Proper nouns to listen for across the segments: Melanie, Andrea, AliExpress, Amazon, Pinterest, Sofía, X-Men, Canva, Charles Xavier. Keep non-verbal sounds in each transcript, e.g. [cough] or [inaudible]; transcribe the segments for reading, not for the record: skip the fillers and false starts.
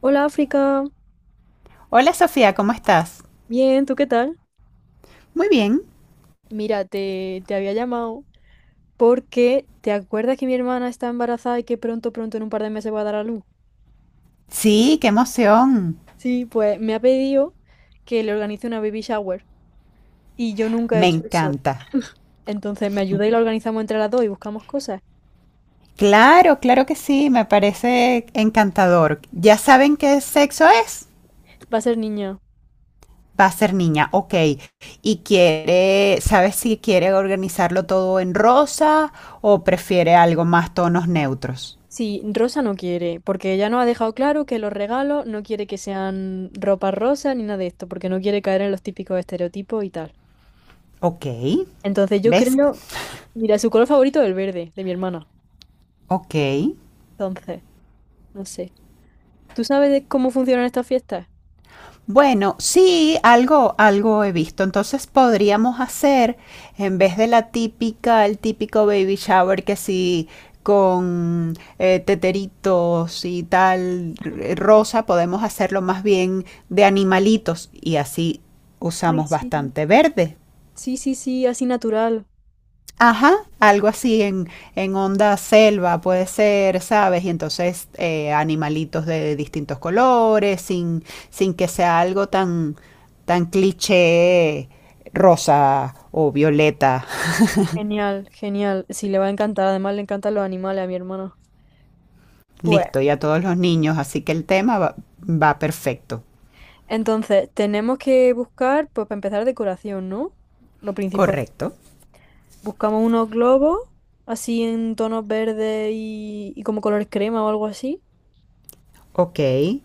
Hola África, Hola Sofía, ¿cómo estás? bien, ¿tú qué tal? Muy bien. Mira, te había llamado porque ¿te acuerdas que mi hermana está embarazada y que pronto, en un par de meses va a dar a luz? Sí, qué emoción. Sí, pues me ha pedido que le organice una baby shower y yo nunca he Me hecho eso. encanta. Entonces me ayuda y la organizamos entre las dos y buscamos cosas. Claro, claro que sí, me parece encantador. ¿Ya saben qué sexo es? Va a ser niña. Va a ser niña, ok. ¿Y quiere, sabes si quiere organizarlo todo en rosa o prefiere algo más tonos neutros? Sí, Rosa no quiere, porque ella nos ha dejado claro que los regalos no quiere que sean ropa rosa ni nada de esto, porque no quiere caer en los típicos estereotipos y tal. Ok, Entonces yo ¿ves? creo, mira, su color favorito es el verde, de mi hermana. Ok. Entonces, no sé. ¿Tú sabes de cómo funcionan estas fiestas? Bueno, sí, algo he visto. Entonces podríamos hacer, en vez de la típica, el típico baby shower que sí, con teteritos y tal, rosa, podemos hacerlo más bien de animalitos y así Ay, usamos sí. bastante verde. Sí, sí, sí, así natural. Ajá, en onda selva puede ser, ¿sabes? Y entonces animalitos de distintos colores, sin que sea algo tan cliché rosa o violeta. Genial, genial. Sí, le va a encantar. Además, le encantan los animales a mi hermana. Pues, Listo, y a todos los niños, así que va perfecto. entonces, tenemos que buscar, pues, para empezar, decoración, ¿no? Lo principal. Correcto. Buscamos unos globos, así en tonos verdes y como colores crema o algo así. Ok,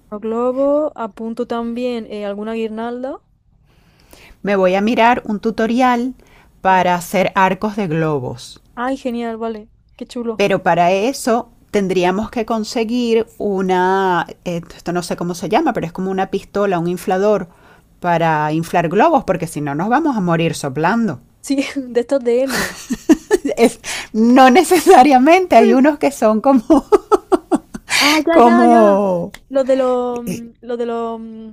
Los globos, apunto también alguna guirnalda. me voy a mirar un tutorial Vale. para hacer arcos de globos. Ay, genial, vale. Qué chulo. Pero para eso tendríamos que conseguir esto no sé cómo se llama, pero es como una pistola, un inflador para inflar globos, porque si no nos vamos a morir soplando. Sí, [laughs] de estos de helio. [laughs] Es, no necesariamente, hay [laughs] unos que Ah, [laughs] ya, ya, ya. como, eh, Los de los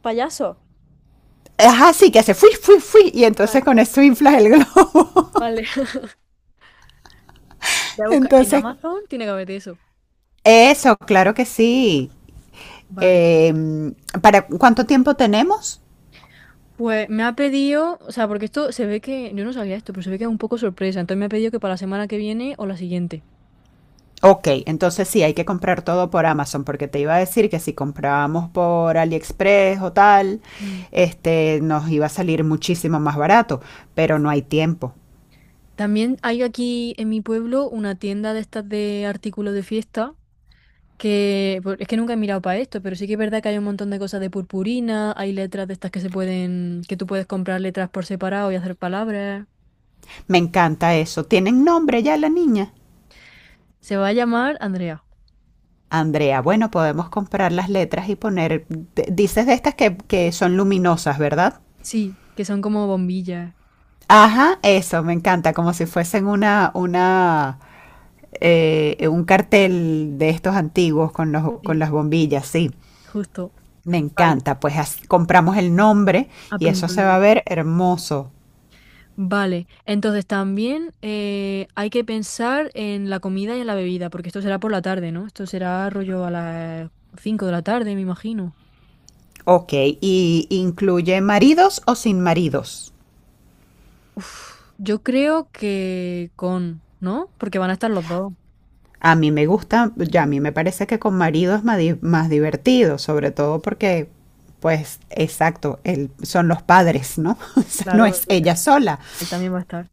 payasos. ajá, sí, que hace fui, fui, fui, y Vale, entonces con eso inflas el globo. vale. [laughs] Voy a [laughs] buscar. En Entonces, Amazon tiene que haber eso. eso, claro que sí. Vale. Eh, ¿Para cuánto tiempo tenemos? Pues me ha pedido, o sea, porque esto se ve que, yo no sabía esto, pero se ve que es un poco sorpresa. Entonces me ha pedido que para la semana que viene o la siguiente. Ok, entonces sí, hay que comprar todo por Amazon, porque te iba a decir que si comprábamos por AliExpress o tal, Mm. este, nos iba a salir muchísimo más barato, pero no hay tiempo. También hay aquí en mi pueblo una tienda de estas de artículos de fiesta, que pues, es que nunca he mirado para esto, pero sí que es verdad que hay un montón de cosas de purpurina, hay letras de estas que se pueden, que tú puedes comprar letras por separado y hacer palabras. Me encanta eso. ¿Tienen nombre ya la niña? Se va a llamar Andrea. Andrea, bueno, podemos comprar las letras y poner, dices de estas que son luminosas, ¿verdad? Sí, que son como bombillas. Ajá, eso, me encanta, como si fuesen un cartel de estos antiguos con con Sí, las bombillas, sí. justo. Me Vale, encanta, pues compramos el nombre y eso apunto el se va a nombre. ver hermoso. Vale, entonces también hay que pensar en la comida y en la bebida, porque esto será por la tarde, ¿no? Esto será rollo a las 5 de la tarde, me imagino. Ok, ¿y incluye maridos o sin maridos? Uf, yo creo que con, ¿no? Porque van a estar los dos. A mí me gusta, ya a mí me parece que con maridos es más divertido, sobre todo porque, pues, exacto, son los padres, ¿no? [laughs] O sea, no Claro, es porque ella sola, él también va a estar.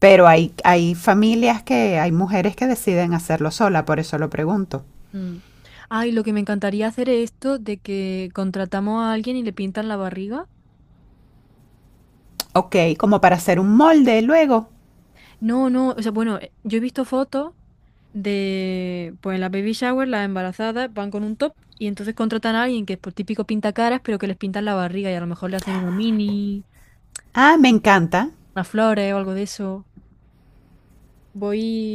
pero hay familias que, hay mujeres que deciden hacerlo sola, por eso lo pregunto. Mm. Ay, lo que me encantaría hacer es esto de que contratamos a alguien y le pintan la barriga. Ok, como para hacer un molde luego. No, no, o sea, bueno, yo he visto fotos de, pues en las baby shower, las embarazadas van con un top y entonces contratan a alguien que es por típico pintacaras, pero que les pintan la barriga y a lo mejor le hacen una mini, Ah, unas flores o algo de eso.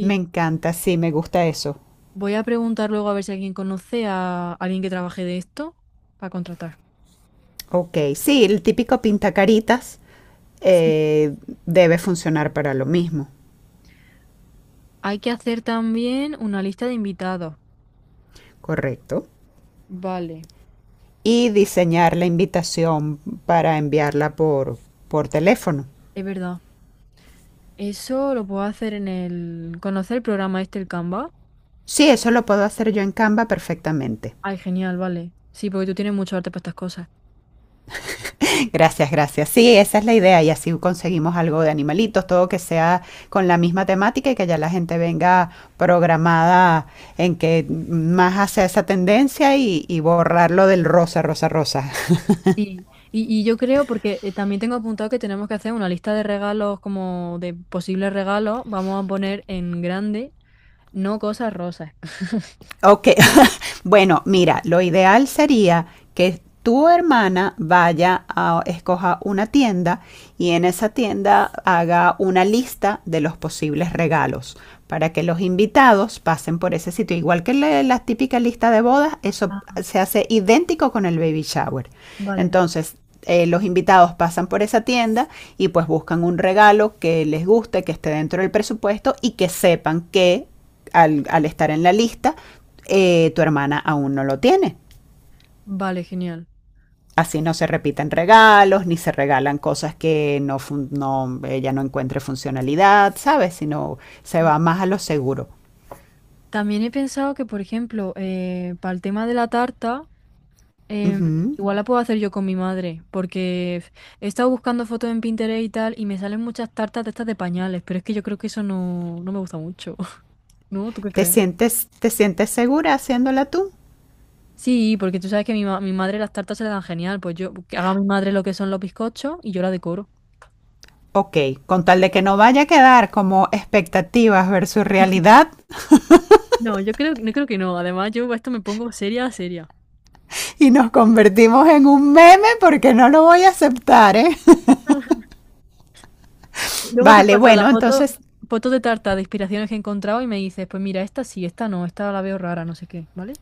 me encanta, sí, me gusta eso. voy a preguntar luego a ver si alguien conoce a alguien que trabaje de esto para contratar. Ok, sí, el típico pintacaritas Sí. eh, debe funcionar para lo mismo, Hay que hacer también una lista de invitados. correcto. Vale, Y diseñar la invitación para enviarla por teléfono. es verdad. Eso lo puedo hacer en el... ¿Conocer el programa este, el Canva? Sí, eso lo puedo hacer yo en Canva perfectamente. Ay, genial, vale. Sí, porque tú tienes mucho arte para estas cosas. [laughs] Gracias, gracias. Sí, esa es la idea y así conseguimos algo de animalitos, todo que sea con la misma temática y que ya la gente venga programada en que más hace esa tendencia y borrarlo del rosa, rosa, rosa. Sí, y yo creo, porque también tengo apuntado que tenemos que hacer una lista de regalos, como de posibles regalos, vamos a poner en grande, no cosas rosas. [laughs] Ok, [laughs] bueno, mira, lo ideal sería que tu hermana vaya a escoja una tienda y en esa tienda haga una lista de los posibles regalos para que los invitados pasen por ese sitio. Igual que la típica lista de bodas, eso Ah, se hace idéntico con el baby shower. vale. Entonces, los invitados pasan por esa tienda y pues buscan un regalo que les guste, que esté dentro del presupuesto y que sepan que al estar en la lista, tu hermana aún no lo tiene. Vale, genial. Así no se repiten regalos, ni se regalan cosas que no, no ella no encuentre funcionalidad, ¿sabes? Sino se va más a lo seguro. También he pensado que, por ejemplo, para el tema de la tarta, em, Ujú. igual la puedo hacer yo con mi madre, porque he estado buscando fotos en Pinterest y tal, y me salen muchas tartas de estas de pañales, pero es que yo creo que eso no, no me gusta mucho, [laughs] ¿no? ¿Tú qué crees? ¿Te sientes segura haciéndola tú? Sí, porque tú sabes que mi madre las tartas se le dan genial. Pues yo, que haga a mi madre lo que son los bizcochos y yo la decoro. Ok, con tal de que no vaya a quedar como expectativas versus realidad No, yo creo, no creo que no. Además, yo esto me pongo seria, seria. y nos convertimos en un meme porque no lo voy a aceptar, ¿eh? [laughs] [laughs] Luego te Vale, paso la bueno, foto, entonces fotos de tarta de inspiraciones que he encontrado y me dices, pues mira, esta sí, esta no, esta la veo rara, no sé qué, ¿vale?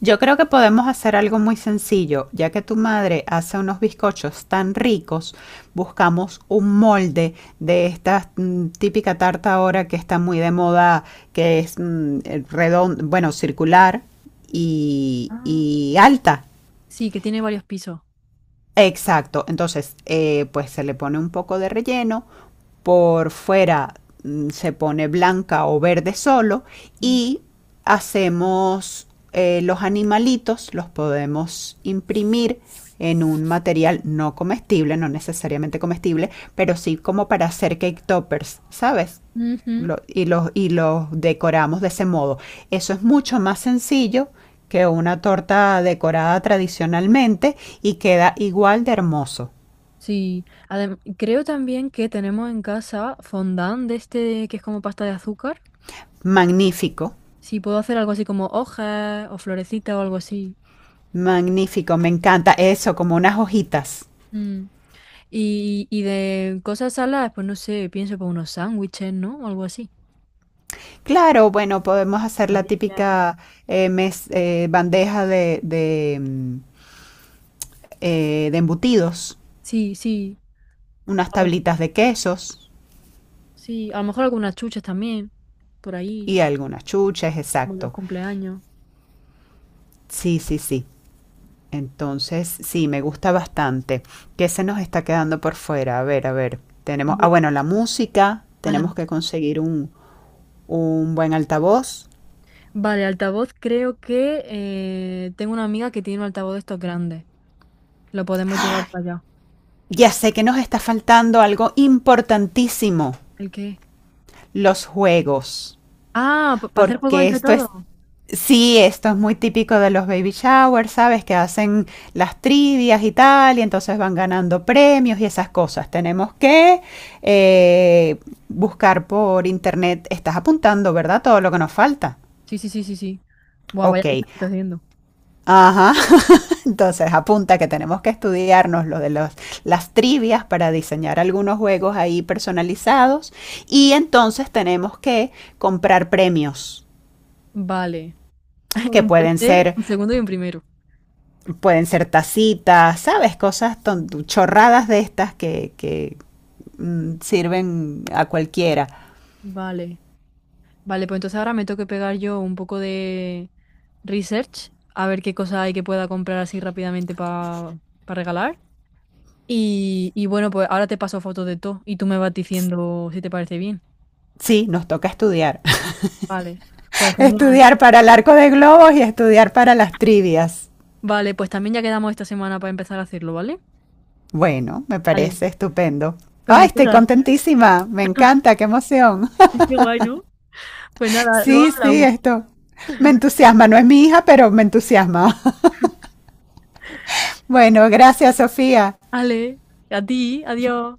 yo creo que podemos hacer algo muy sencillo, ya que tu madre hace unos bizcochos tan ricos, buscamos un molde de esta típica tarta ahora que está muy de moda, que es redondo, bueno, circular Ah, y alta. sí, que tiene varios pisos. Exacto, entonces pues se le pone un poco de relleno, por fuera se pone blanca o verde solo Mm. y hacemos los animalitos, los podemos imprimir en un material no comestible, no necesariamente comestible, pero sí como para hacer cake toppers, ¿sabes? Ujú, Los decoramos de ese modo. Eso es mucho más sencillo que una torta decorada tradicionalmente y queda igual de hermoso. sí, creo también que tenemos en casa fondant de este que es como pasta de azúcar. Magnífico, Sí, puedo hacer algo así como hojas o florecitas o algo así. magnífico, me encanta eso, como unas hojitas. Mm. Y de cosas saladas, pues no sé, pienso para unos sándwiches, ¿no? O algo así. Claro, bueno, podemos hacer la Empanadillas, típica bandeja de embutidos, sí, sí, unas algo tablitas así, de quesos sí. A lo mejor algunas chuches también, por ahí, y algunas chuches, como en los exacto. cumpleaños. Sí, sí, sí. Entonces, sí, me gusta bastante. ¿Qué se nos está quedando por fuera? A ver, a ver. Tenemos, ah, Hombre, bueno, la música. a la Tenemos que música. conseguir un buen altavoz. Vale, altavoz, creo que tengo una amiga que tiene un altavoz de estos grandes. Lo podemos llevar para allá. Ya sé que nos está faltando algo importantísimo, ¿El qué? los juegos. Ah, para hacer juegos Porque entre esto todos. es, sí, esto es muy típico de los baby showers, ¿sabes? Que hacen las trivias y tal, y entonces van ganando premios y esas cosas. Tenemos que eh, buscar por internet, estás apuntando, ¿verdad? Todo lo que nos falta. Sí, sí, sí, sí, sí. Buah, vaya Ok, lista que estoy haciendo. ajá. [laughs] Entonces apunta que tenemos que estudiarnos las trivias para diseñar algunos juegos ahí personalizados y entonces tenemos que comprar premios Vale. [laughs] que Un pueden tercer, ser un segundo y un primero. pueden ser tacitas, ¿sabes? Cosas chorradas de estas que sirven a cualquiera. Vale. Vale, pues entonces ahora me tengo que pegar yo un poco de research, a ver qué cosa hay que pueda comprar así rápidamente para regalar. Y bueno, pues ahora te paso fotos de todo y tú me vas diciendo si te parece bien. Sí, nos toca estudiar. Vale, pues [laughs] genial. Estudiar para el arco de globos y estudiar para las trivias. Vale, pues también ya quedamos esta semana para empezar a hacerlo, ¿vale? Bueno, me Vale. parece estupendo. Pues ¡Ay, muchas estoy gracias. contentísima! Me encanta, qué emoción. [laughs] Qué guay, ¿no? Pues [laughs] nada, luego Sí, sí, hablamos. esto. Me [laughs] entusiasma, no es mi hija, pero me entusiasma. [laughs] Bueno, gracias, Sofía. Vale, a ti, adiós.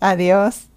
Adiós.